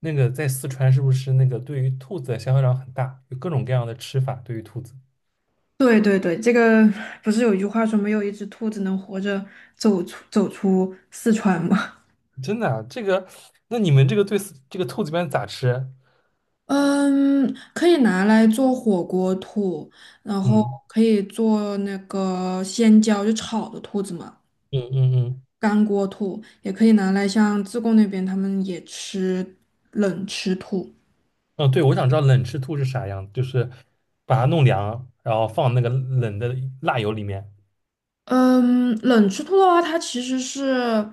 那个在四川是不是那个对于兔子的消费量很大，有各种各样的吃法对于兔子？对对对，这个不是有一句话说没有一只兔子能活着走出四川吗？真的啊，这个，那你们这个对四这个兔子一般咋吃啊？嗯，可以拿来做火锅兔，然后嗯可以做那个鲜椒，就炒的兔子嘛，嗯嗯嗯，干锅兔，也可以拿来像自贡那边他们也吃冷吃兔。嗯，对，我想知道冷吃兔是啥样，就是把它弄凉，然后放那个冷的辣油里面。嗯，冷吃兔的话，它其实是，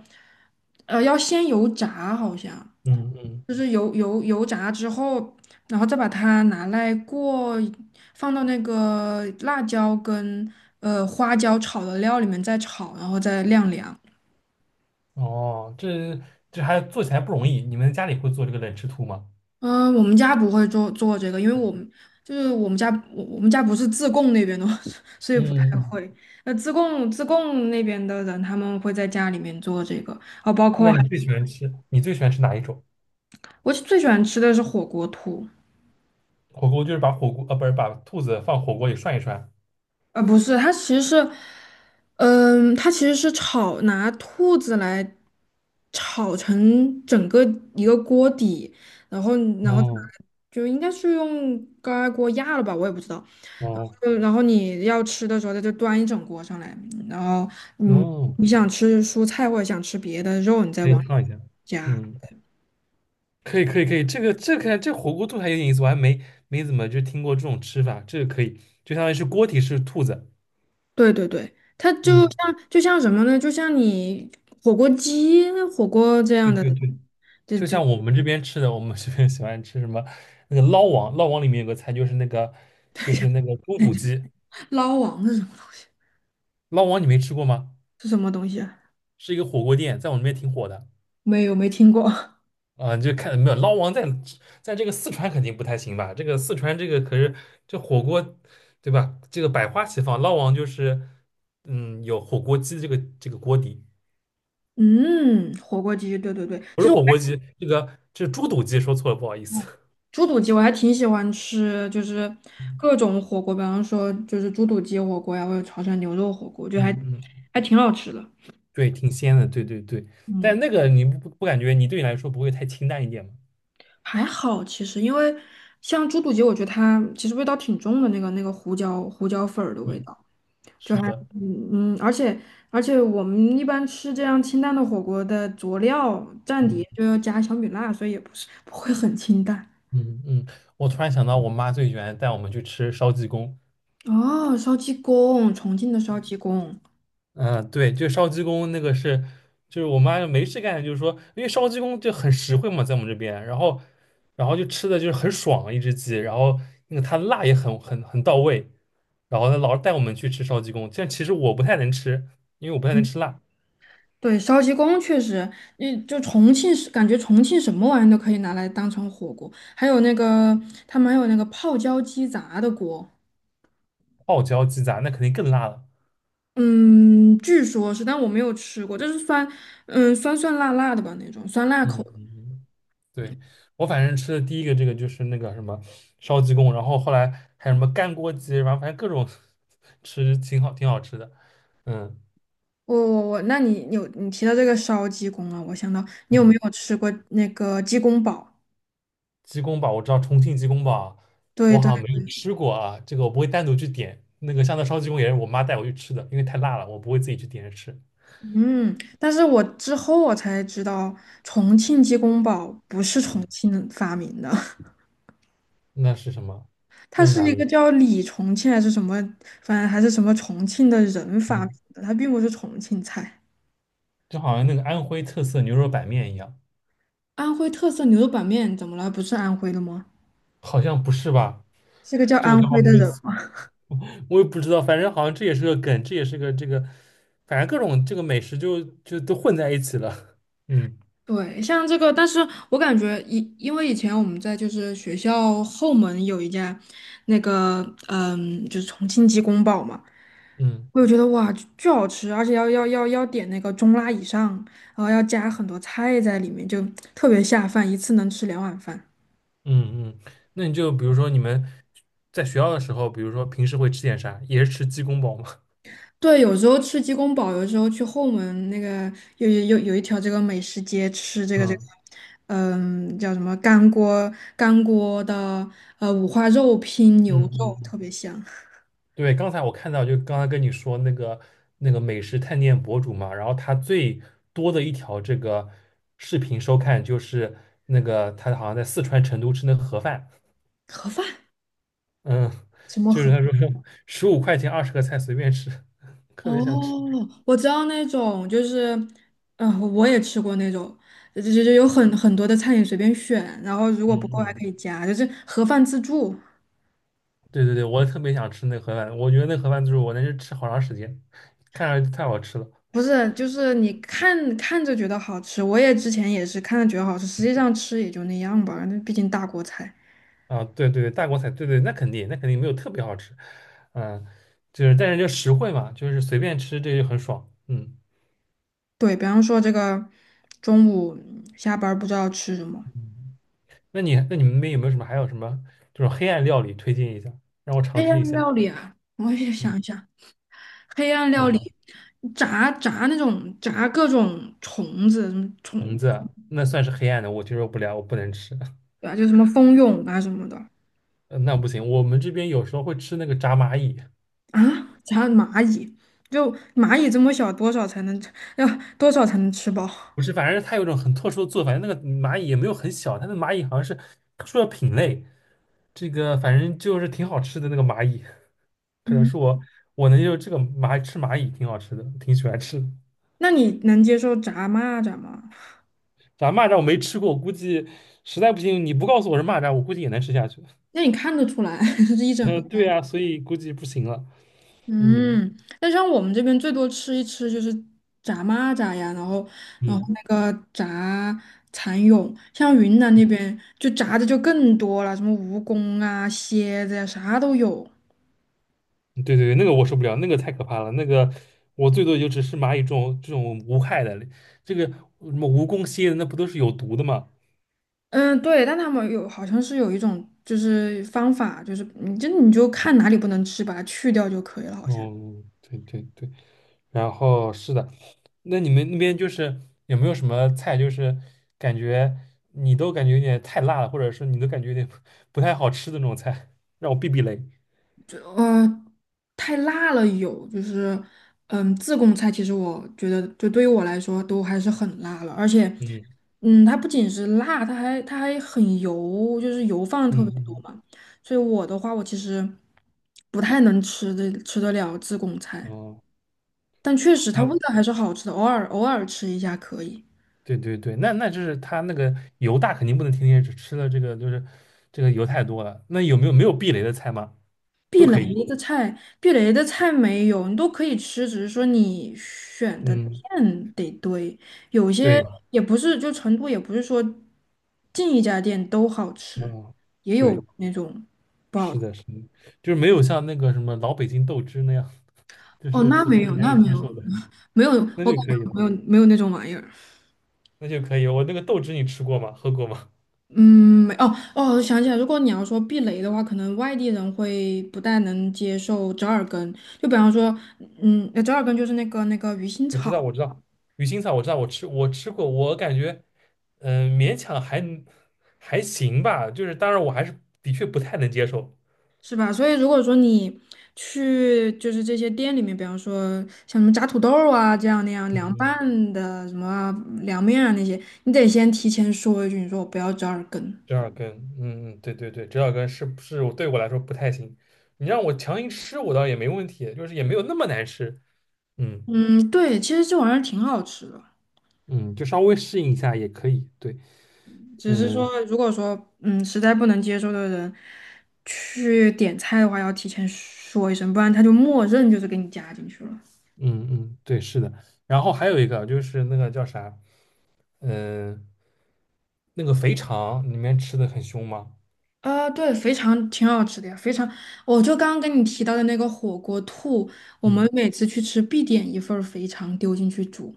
要先油炸好像。嗯嗯，就是油炸之后，然后再把它拿来过，放到那个辣椒跟花椒炒的料里面再炒，然后再晾凉。哦，这还做起来不容易。你们家里会做这个冷吃兔吗？嗯、我们家不会做这个，因为我们家我们家不是自贡那边的，所以不太嗯。会。那自贡那边的人，他们会在家里面做这个，啊，包那括还你最喜欢吃你最喜欢吃哪一种？我最喜欢吃的是火锅兔。火锅就是把火锅不是把兔子放火锅里涮一涮。啊，不是，它其实是，嗯、它其实是炒，拿兔子来炒成整个一个锅底，然后，然后再拿哦就应该是用高压锅压了吧，我也不知道。然哦，后，然后你要吃的时候，它就端一整锅上来，然后，嗯，哦，你想吃蔬菜或者想吃别的肉，你再可以往里烫一下，加。嗯，可以可以可以，这个看这火锅兔还有点意思，我还没怎么就听过这种吃法，这个可以，就相当于是锅底是兔子，对对对，它就嗯，像什么呢？就像你火锅鸡、火锅这对样的，对对，就就就。像我们这边吃的，我们这边 喜欢吃什么那个捞王，捞王里面有个菜就是那个就是那个猪肚鸡，捞王是什么东西？捞王你没吃过吗？是什么东西啊？是一个火锅店，在我们那边挺火的。没有，没听过。啊，你就看没有捞王在在这个四川肯定不太行吧？这个四川这个可是这火锅，对吧？这个百花齐放，捞王就是嗯有火锅鸡这个锅底，嗯，火锅鸡，对对对，不其是实我火还锅鸡，这个这是猪肚鸡说错了，不好意思。哦猪肚鸡，我还挺喜欢吃，就是各种火锅，比方说就是猪肚鸡火锅呀，或者潮汕牛肉火锅，我觉得还嗯嗯，还挺好吃的。对，挺鲜的，对对对。但嗯，那个你不感觉你对你来说不会太清淡一点吗？还好其实，因为像猪肚鸡，我觉得它其实味道挺重的，那个胡椒粉儿的味对，道。就是还的，嗯嗯，而且我们一般吃这样清淡的火锅的佐料蘸碟就嗯要加小米辣，所以也不是不会很清淡。嗯嗯。我突然想到，我妈最喜欢带我们去吃烧鸡公，哦，烧鸡公，重庆的烧鸡公，嗯，对，就烧鸡公那个是，就是我妈就没事干，就是说，因为烧鸡公就很实惠嘛，在我们这边，然后，然后就吃的就是很爽一只鸡，然后那个它辣也很到位，然后她老是带我们去吃烧鸡公，但其实我不太能吃，因为我不太嗯能吃辣，对，烧鸡公确实，嗯，就重庆是感觉重庆什么玩意都可以拿来当成火锅，还有那个他们还有那个泡椒鸡杂的锅，泡椒鸡杂那肯定更辣了。嗯，据说是，但我没有吃过，就是酸，嗯，酸酸辣辣的吧那种，酸辣嗯口。嗯，嗯对，我反正吃的第一个这个就是那个什么烧鸡公，然后后来还有什么干锅鸡，然后反正各种 吃挺好挺好吃的。嗯我，那你有你提到这个烧鸡公啊，我想到你有没嗯。有吃过那个鸡公煲？鸡公煲我知道重庆鸡公煲，对我好对，像没有吃过啊，这个我不会单独去点。那个香菜烧鸡公也是我妈带我去吃的，因为太辣了，我不会自己去点着吃。嗯，但是我之后我才知道，重庆鸡公煲不是重嗯，庆发明的，那是什么？它那是是哪一个里？叫李重庆还是什么，反正还是什么重庆的人发明嗯，的，它并不是重庆菜。就好像那个安徽特色牛肉板面一样，安徽特色牛肉板面怎么了？不是安徽的吗？好像不是吧？是个叫这个安倒徽的没，人。我也不知道，反正好像这也是个梗，这也是个这个，反正各种这个美食就都混在一起了。嗯对，像这个，但是我感觉以因为以前我们在就是学校后门有一家那个嗯，就是重庆鸡公煲嘛，嗯。我就觉得哇，巨巨好吃，而且要点那个中辣以上，然后要加很多菜在里面，就特别下饭，一次能吃两碗饭。嗯嗯，那你就比如说你们在学校的时候，比如说平时会吃点啥？也是吃鸡公煲吗？对，有时候吃鸡公煲，有时候去后门那个有一条这个美食街吃 这个，嗯嗯，叫什么干锅的五花肉拼牛嗯肉，特嗯，别香。对，刚才我看到，就刚才跟你说那个那个美食探店博主嘛，然后他最多的一条这个视频收看就是那个他好像在四川成都吃那个盒饭，盒饭嗯，什么就是盒？他说15块钱20个菜随便吃，特哦，别想吃。我知道那种，就是，我也吃过那种，就有很多的菜你随便选，然后如果嗯不够还嗯。可以加，就是盒饭自助，对对对，我特别想吃那个盒饭，我觉得那盒饭就是我能是吃好长时间，看上去太好吃了不是，就是你看看着觉得好吃，我也之前也是看着觉得好吃，实际上吃也就那样吧，那毕竟大锅菜。啊！对对对，大锅菜，对对，那肯定，那肯定没有特别好吃，嗯，就是但是就实惠嘛，就是随便吃这就很爽，嗯。对，比方说这个中午下班儿不知道吃什么，嗯那你那你们那边有没有什么还有什么这种黑暗料理推荐一下，让我尝黑试一暗下？料理啊，我也嗯，想一想，黑暗有料吗？理，炸那种炸各种虫子，什么虫虫子啊那算是黑暗的，我接受不了，我不能吃。啊，就什么蜂蛹啊什么的那不行，我们这边有时候会吃那个炸蚂蚁，啊，炸蚂蚁，就蚂蚁这么小，多少才能吃要多少才能吃饱？不是，反正它有一种很特殊的做法，那个蚂蚁也没有很小，它的蚂蚁好像是特殊的品类，这个反正就是挺好吃的那个蚂蚁，可能嗯，是我我能就这个蚂吃蚂蚁挺好吃的，挺喜欢吃的。那你能接受炸蚂蚱吗？反正蚂蚱我没吃过，我估计实在不行你不告诉我是蚂蚱，我估计也能吃下去。那你看得出来，是一整个。嗯，对啊，所以估计不行了。嗯嗯，那像我们这边最多吃一吃就是炸蚂蚱呀，然后然后嗯，那个炸蚕蛹，像云南那边就炸的就更多了，什么蜈蚣啊、蝎子呀，啥都有。对对对，那个我受不了，那个太可怕了，那个我最多也就只是蚂蚁这种这种无害的，这个什么蜈蚣、蝎子那不都是有毒的吗？嗯，对，但他们有好像是有一种就是方法，就是你就看哪里不能吃，把它去掉就可以了，好像。哦，对对对，然后是的，那你们那边就是有没有什么菜，就是感觉你都感觉有点太辣了，或者是你都感觉有点不太好吃的那种菜，让我避避雷。就太辣了有，就是嗯自贡菜其实我觉得就对于我来说都还是很辣了，而且嗯嗯它不仅是辣，它还很油，就是油放的嗯特别多嗯，嘛，所以我的话我其实不太能吃的吃得了自贡嗯菜，哦，但确实它味那道还是好吃的，偶尔吃一下可以。对对对，那那就是他那个油大肯定不能天天吃吃了这个就是这个油太多了。那有没有没有避雷的菜吗？都避可以。雷的菜，避雷的菜没有，你都可以吃，只是说你选的嗯，店得对。有些对，也不是，就成都也不是说进一家店都好吃，嗯，也有对，那种不好是的，吃。是的，就是没有像那个什么老北京豆汁那样。就哦，是那普没通人有，难那以没接受有，的，没有，那就我感可以觉了，没有没有那种玩意儿。那就可以了。我那个豆汁你吃过吗？喝过吗？嗯，没哦哦，我想起来，如果你要说避雷的话，可能外地人会不太能接受折耳根，就比方说，嗯，折耳根就是那个鱼腥 我知道，草。我知道，鱼腥草我知道，我吃过，我感觉勉强还行吧，就是当然我还是的确不太能接受。是吧？所以如果说你去就是这些店里面，比方说像什么炸土豆儿啊这样那样嗯凉嗯，拌的什么啊凉面啊那些，你得先提前说一句，你说我不要折耳根。折耳根，嗯嗯，对对对，折耳根是不是我对我来说不太行？你让我强行吃，我倒也没问题，就是也没有那么难吃。嗯嗯，对，其实这玩意儿挺好吃的，嗯，就稍微适应一下也可以。对，只是嗯。说如果说嗯实在不能接受的人去点菜的话，要提前说一声，不然他就默认就是给你加进去了。嗯嗯，对，是的。然后还有一个就是那个叫啥，嗯、那个肥肠里面吃的很凶吗？啊，对，肥肠挺好吃的呀，肥肠，我就刚刚跟你提到的那个火锅兔，我们嗯，每次去吃必点一份儿肥肠丢进去煮。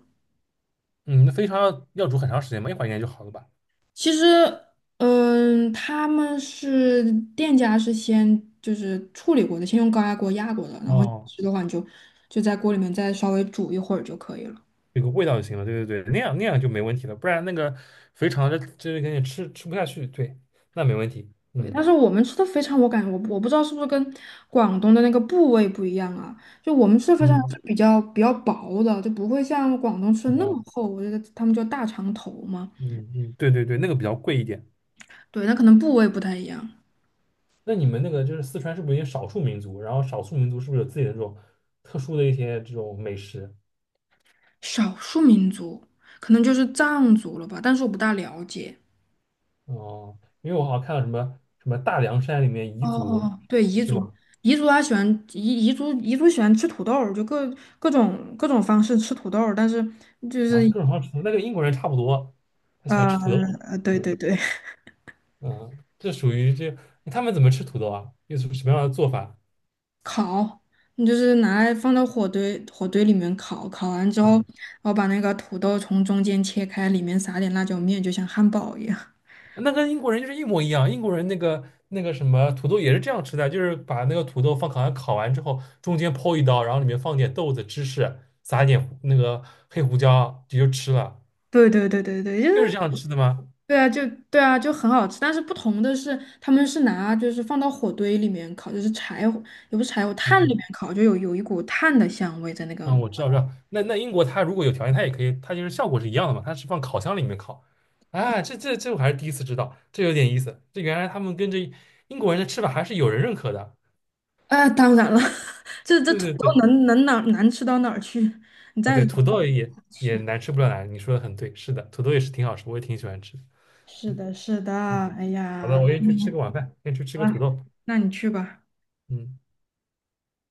嗯，那肥肠要煮很长时间吗？一会儿应该就好了吧？其实，嗯，他们是店家是先就是处理过的，先用高压锅压过的，然后哦，吃的话你就就在锅里面再稍微煮一会儿就可以了。有个味道就行了。对对对，那样那样就没问题了。不然那个肥肠这个你吃吃不下去，对，那没问题。对，嗯但是我们吃的肥肠，我感觉我不知道是不是跟广东的那个部位不一样啊？就我们吃的肥肠嗯，是比较薄的，就不会像广东吃的那啊，么厚。我觉得他们叫大肠头嘛，嗯嗯，对对对，那个比较贵一点。对，那可能部位不太一样。那你们那个就是四川是不是有少数民族？然后少数民族是不是有自己的这种特殊的一些这种美食？少数民族可能就是藏族了吧，但是我不大了解。哦，因为我好像看到什么什么大凉山里面哦彝哦族哦，对，彝是族，吗？彝族他喜欢彝族喜欢吃土豆儿就各种各种方式吃土豆儿但是就啊，是各种好吃土豆那个英国人差不多，他喜欢呃吃土豆。对对嗯对。嗯，这属于这他们怎么吃土豆啊？又是什么样的做法？烤，你就是拿来放到火堆里面烤，烤完之后，然嗯，后把那个土豆从中间切开，里面撒点辣椒面，就像汉堡一样。那跟英国人就是一模一样。英国人那个那个什么土豆也是这样吃的，就是把那个土豆放烤箱烤完之后，中间剖一刀，然后里面放点豆子、芝士，撒一点胡那个黑胡椒，你就吃了，对对对对对，就就是是这样吃的吗？对啊，就很好吃。但是不同的是，他们是拿就是放到火堆里面烤，就是柴火，也不是柴火，炭里面嗯烤，就有一股炭的香味在那个。嗯，我知道，知道。那那英国它如果有条件，它也可以，它就是效果是一样的嘛，它是放烤箱里面烤。啊，这我还是第一次知道，这有点意思。这原来他们跟这英国人的吃法还是有人认可的。啊、当然了，这对土对对，豆能哪难吃到哪儿去？你啊再对，怎么土做豆也好也吃，难吃不了难，你说的很对，是的，土豆也是挺好吃，我也挺喜欢吃。是的，是的，嗯，哎好的，呀，我先去嗯吃个晚饭，先去吃好个了，土豆。那你去吧。嗯。